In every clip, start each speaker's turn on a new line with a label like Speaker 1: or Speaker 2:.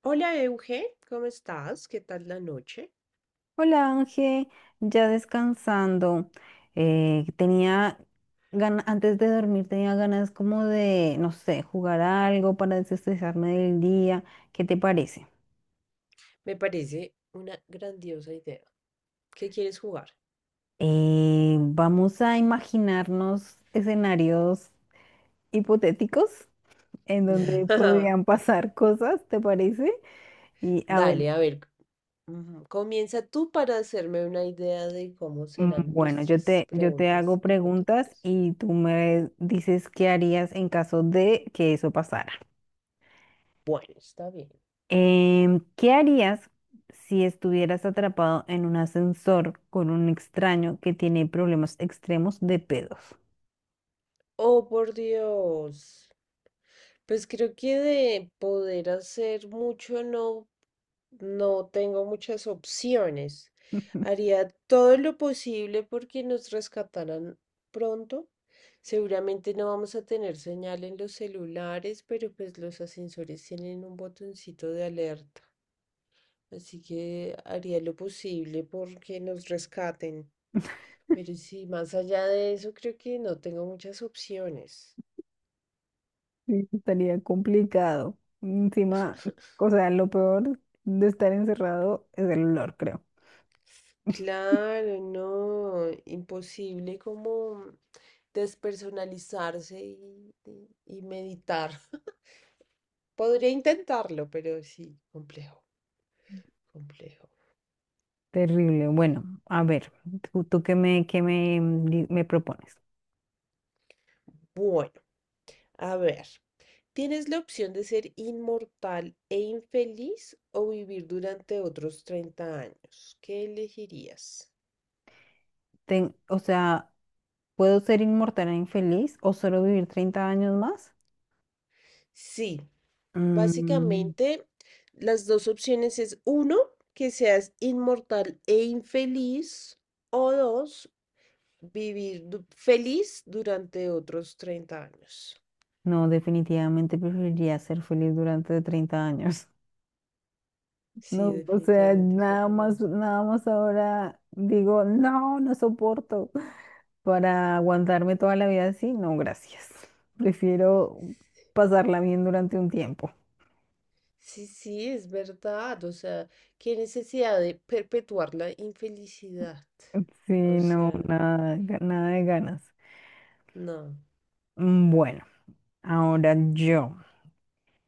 Speaker 1: Hola Euge, ¿cómo estás? ¿Qué tal la noche?
Speaker 2: Hola Ángel, ya descansando. Tenía ganas, antes de dormir tenía ganas como de, no sé, jugar algo para desestresarme del día. ¿Qué te parece?
Speaker 1: Me parece una grandiosa idea. ¿Qué quieres jugar?
Speaker 2: Vamos a imaginarnos escenarios hipotéticos en donde podrían pasar cosas, ¿te parece? Y a ver,
Speaker 1: Dale, a ver, comienza tú para hacerme una idea de cómo
Speaker 2: mm,
Speaker 1: serán
Speaker 2: bueno,
Speaker 1: nuestras
Speaker 2: yo te
Speaker 1: preguntas
Speaker 2: hago preguntas
Speaker 1: hipotéticas.
Speaker 2: y tú me dices qué harías en caso de que eso pasara.
Speaker 1: Bueno, está bien.
Speaker 2: ¿Qué harías si estuvieras atrapado en un ascensor con un extraño que tiene problemas extremos de pedos?
Speaker 1: Oh, por Dios. Pues creo que de poder hacer mucho no No tengo muchas opciones. Haría todo lo posible porque nos rescataran pronto. Seguramente no vamos a tener señal en los celulares, pero pues los ascensores tienen un botoncito de alerta. Así que haría lo posible porque nos rescaten. Pero sí, más allá de eso, creo que no tengo muchas opciones.
Speaker 2: Sí, estaría complicado. Encima, o sea, lo peor de estar encerrado es el olor, creo.
Speaker 1: Claro, no, imposible como despersonalizarse y meditar. Podría intentarlo, pero sí, complejo, complejo.
Speaker 2: Terrible. Bueno, a ver, ¿tú qué me, mm, di- ¿me propones?
Speaker 1: Bueno, a ver, ¿tienes la opción de ser inmortal e infeliz o vivir durante otros 30 años? ¿Qué elegirías?
Speaker 2: O sea, ¿puedo ser inmortal e infeliz o solo vivir 30 años más?
Speaker 1: Sí.
Speaker 2: Mm,
Speaker 1: Básicamente, las dos opciones es uno, que seas inmortal e infeliz, o dos, vivir feliz durante otros 30 años.
Speaker 2: no, definitivamente preferiría ser feliz durante 30 años.
Speaker 1: Sí,
Speaker 2: No, o sea,
Speaker 1: definitivamente yo
Speaker 2: nada
Speaker 1: también.
Speaker 2: más, nada más ahora digo, no, no soporto. Para aguantarme toda la vida así, no, gracias. Prefiero pasarla bien durante un tiempo.
Speaker 1: Sí, sí, es verdad. O sea, qué necesidad de perpetuar la infelicidad.
Speaker 2: Sí,
Speaker 1: O
Speaker 2: no,
Speaker 1: sea,
Speaker 2: nada, nada de ganas.
Speaker 1: no.
Speaker 2: Mm, bueno, ahora yo.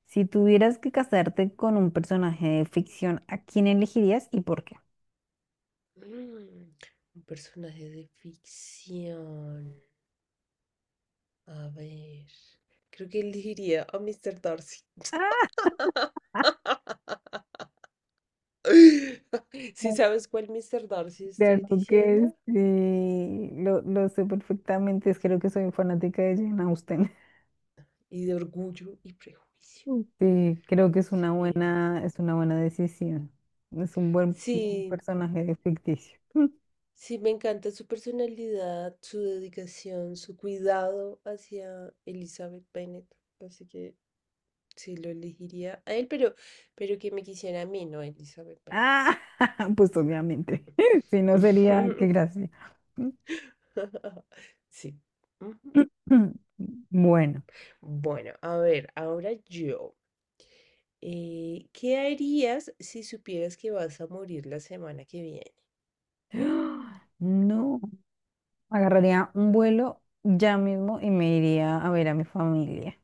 Speaker 2: Si tuvieras que casarte con un personaje de ficción, ¿a quién elegirías y por qué?
Speaker 1: Mm, un personaje de ficción. A ver, creo que elegiría a Mr. Darcy. Si sabes cuál Mr. Darcy estoy
Speaker 2: Claro que
Speaker 1: diciendo,
Speaker 2: sí, lo sé perfectamente, es creo que soy fanática de Jane Austen.
Speaker 1: y de orgullo y prejuicio.
Speaker 2: Mm. Sí, creo que es una
Speaker 1: Sí,
Speaker 2: es una buena decisión. Es un buen
Speaker 1: sí,
Speaker 2: personaje ficticio. Mm.
Speaker 1: sí, me encanta su personalidad, su dedicación, su cuidado hacia Elizabeth Bennet. Así que sí, lo elegiría a él, pero que me quisiera a mí, no a Elizabeth Bennet.
Speaker 2: Ah, pues obviamente. Si no, sería qué gracia.
Speaker 1: Sí.
Speaker 2: Bueno,
Speaker 1: Bueno, a ver, ahora yo. ¿qué harías si supieras que vas a morir la semana que viene?
Speaker 2: no, agarraría un vuelo ya mismo y me iría a ver a mi familia,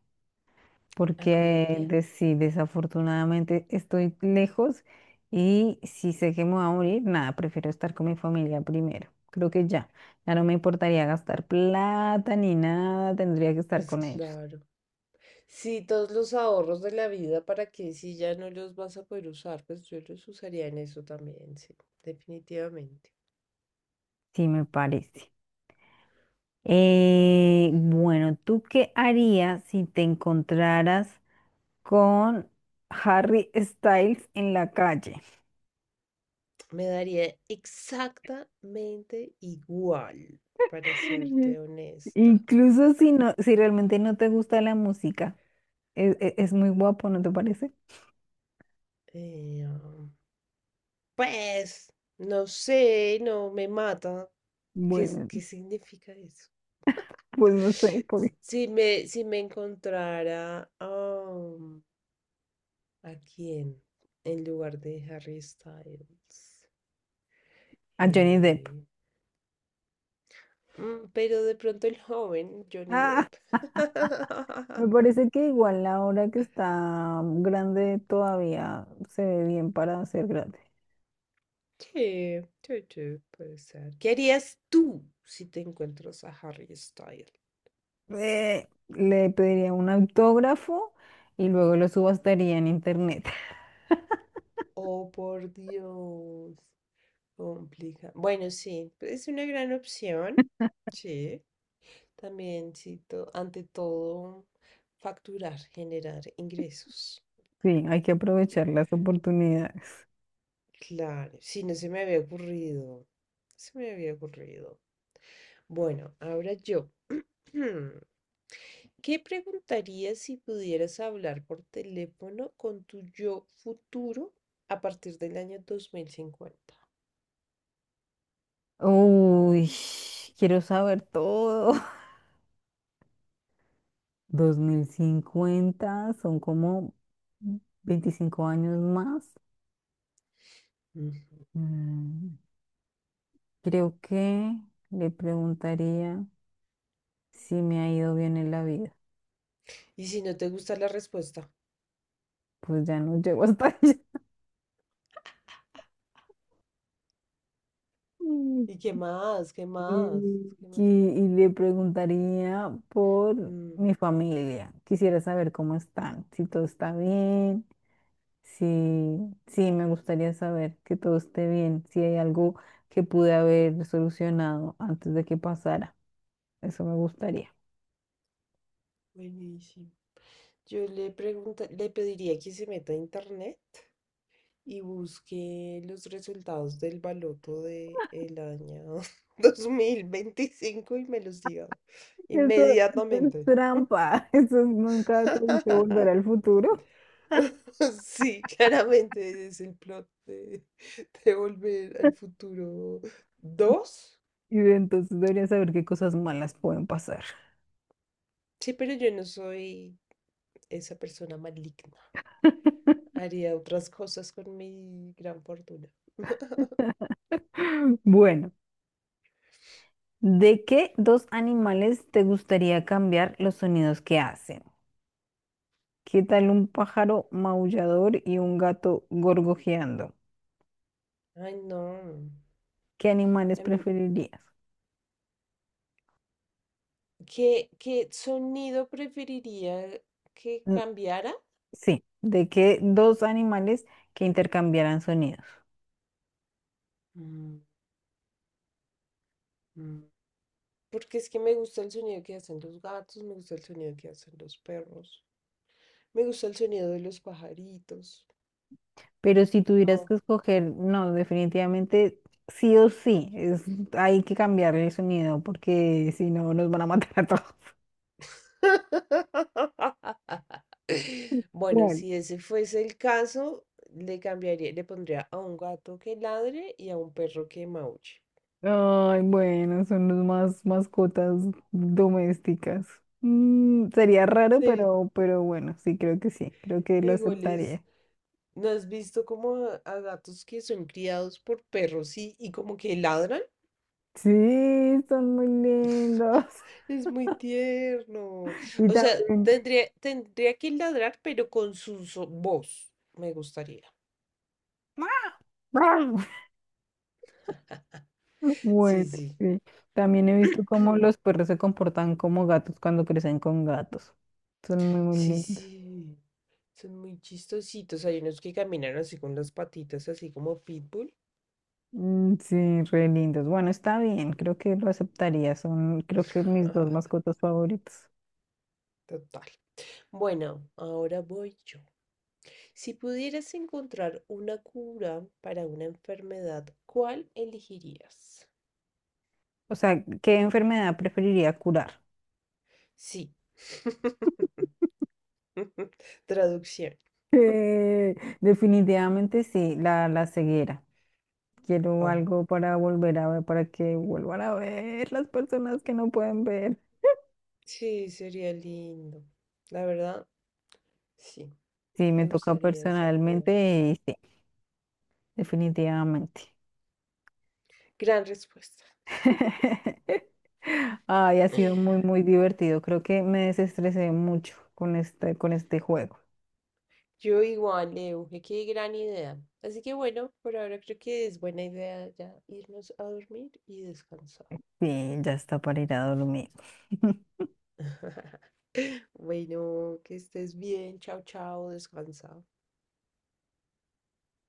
Speaker 1: ¿A
Speaker 2: porque
Speaker 1: Colombia?
Speaker 2: sí, desafortunadamente estoy lejos y si sé que me voy a morir, nada, prefiero estar con mi familia primero. Creo que ya no me importaría gastar plata ni nada, tendría que estar
Speaker 1: Pues
Speaker 2: con ellos.
Speaker 1: claro. Sí, todos los ahorros de la vida, ¿para que Si ya no los vas a poder usar, pues yo los usaría en eso también, sí, definitivamente.
Speaker 2: Sí, me parece. Bueno, ¿tú qué harías si te encontraras con Harry Styles en la calle?
Speaker 1: Me daría exactamente igual, para serte honesta.
Speaker 2: Incluso si realmente no te gusta la música, es muy guapo, ¿no te parece?
Speaker 1: Eh, Pues, no sé, no me mata. ¿Qué,
Speaker 2: Bueno,
Speaker 1: qué significa eso?
Speaker 2: pues no sé, por
Speaker 1: Si me, si me encontrara a quién en lugar de Harry Styles.
Speaker 2: a Johnny Depp.
Speaker 1: Eh, pero de pronto el joven Johnny
Speaker 2: Ah,
Speaker 1: Depp.
Speaker 2: me parece que igual ahora que está grande todavía se ve bien para ser grande.
Speaker 1: Sí, sí, sí, puede ser. ¿Qué harías tú si te encuentras a Harry Styles?
Speaker 2: Le pediría un autógrafo y luego lo subastaría en internet.
Speaker 1: Oh, por Dios. Complica. Bueno, sí, es una gran opción. Sí. También, sí, ante todo, facturar, generar ingresos.
Speaker 2: Sí, hay que aprovechar las oportunidades.
Speaker 1: Claro, sí, no se me había ocurrido. Se me había ocurrido. Bueno, ahora yo. ¿Qué preguntarías si pudieras hablar por teléfono con tu yo futuro a partir del año 2050?
Speaker 2: Uy, quiero saber todo. 2050 son como 25 años más.
Speaker 1: Ujú.
Speaker 2: Mm. Creo que le preguntaría si me ha ido bien en la vida.
Speaker 1: Y si no te gusta la respuesta.
Speaker 2: Pues ya no llego hasta allá. Mm.
Speaker 1: ¿Y qué más? ¿Qué más? ¿Qué más?
Speaker 2: Y le preguntaría por
Speaker 1: Mm,
Speaker 2: mi familia. Quisiera saber cómo están, si todo está bien, si, sí, me gustaría saber que todo esté bien, si hay algo que pude haber solucionado antes de que pasara. Eso me gustaría.
Speaker 1: buenísimo. Yo le pregunta, le pediría que se meta a internet y busque los resultados del baloto de el año 2025 y me los diga
Speaker 2: Eso, eso es
Speaker 1: inmediatamente.
Speaker 2: trampa. Eso es, nunca te dice, volver al futuro.
Speaker 1: Sí, claramente es el plot de Volver al Futuro dos.
Speaker 2: Y entonces debería saber qué cosas malas pueden pasar.
Speaker 1: Sí, pero yo no soy esa persona maligna. Haría otras cosas con mi gran fortuna.
Speaker 2: Bueno, ¿de qué dos animales te gustaría cambiar los sonidos que hacen? ¿Qué tal un pájaro maullador y un gato gorgojeando?
Speaker 1: Ay, no.
Speaker 2: ¿Qué animales
Speaker 1: A mí,
Speaker 2: preferirías?
Speaker 1: ¿qué, qué sonido preferiría que
Speaker 2: Mm,
Speaker 1: cambiara?
Speaker 2: sí, ¿de qué dos animales que intercambiaran sonidos?
Speaker 1: Mm, mm. Porque es que me gusta el sonido que hacen los gatos, me gusta el sonido que hacen los perros, me gusta el sonido de los pajaritos.
Speaker 2: Pero si tuvieras
Speaker 1: No.
Speaker 2: que escoger, no, definitivamente sí o sí, hay que cambiarle el sonido porque si no nos van a matar a todos.
Speaker 1: Bueno,
Speaker 2: Claro.
Speaker 1: si ese fuese el caso, le cambiaría, le pondría a un gato que ladre y a un perro que maulle.
Speaker 2: Ay, bueno, son los más mascotas domésticas. Mm, sería raro,
Speaker 1: Sí,
Speaker 2: pero bueno, sí, creo que lo
Speaker 1: igual es,
Speaker 2: aceptaría.
Speaker 1: ¿no has visto como a gatos que son criados por perros y como que ladran?
Speaker 2: Sí, son muy lindos.
Speaker 1: Es muy tierno.
Speaker 2: Y
Speaker 1: O sea,
Speaker 2: también,
Speaker 1: tendría, tendría que ladrar, pero con su voz. Me gustaría. Sí,
Speaker 2: bueno,
Speaker 1: sí.
Speaker 2: sí, también he visto cómo los perros se comportan como gatos cuando crecen con gatos. Son muy, muy
Speaker 1: Sí,
Speaker 2: lindos.
Speaker 1: sí. Son muy chistositos. Hay unos que caminan así con las patitas, así como pitbull.
Speaker 2: Mm, sí, re lindos. Bueno, está bien, creo que lo aceptaría. Son, creo que, mis dos mascotas favoritas.
Speaker 1: Total. Bueno, ahora voy yo. Si pudieras encontrar una cura para una enfermedad, ¿cuál elegirías?
Speaker 2: O sea, ¿qué enfermedad preferiría curar?
Speaker 1: Sí. Traducción.
Speaker 2: Eh, Definitivamente sí, la ceguera. Quiero
Speaker 1: Oh,
Speaker 2: algo para volver a ver, para que vuelvan a ver las personas que no pueden ver.
Speaker 1: sí, sería lindo. La verdad, sí,
Speaker 2: Sí, me
Speaker 1: me
Speaker 2: toca
Speaker 1: gustaría esa cura.
Speaker 2: personalmente, y sí, definitivamente.
Speaker 1: Gran respuesta.
Speaker 2: Ay, ha sido muy, muy divertido. Creo que me desestresé mucho con con este juego.
Speaker 1: Yo igual, Leo, que qué gran idea. Así que bueno, por ahora creo que es buena idea ya irnos a dormir y descansar.
Speaker 2: Sí, ya está para ir a dormir.
Speaker 1: Bueno, que estés bien. Chao, chao, descansa.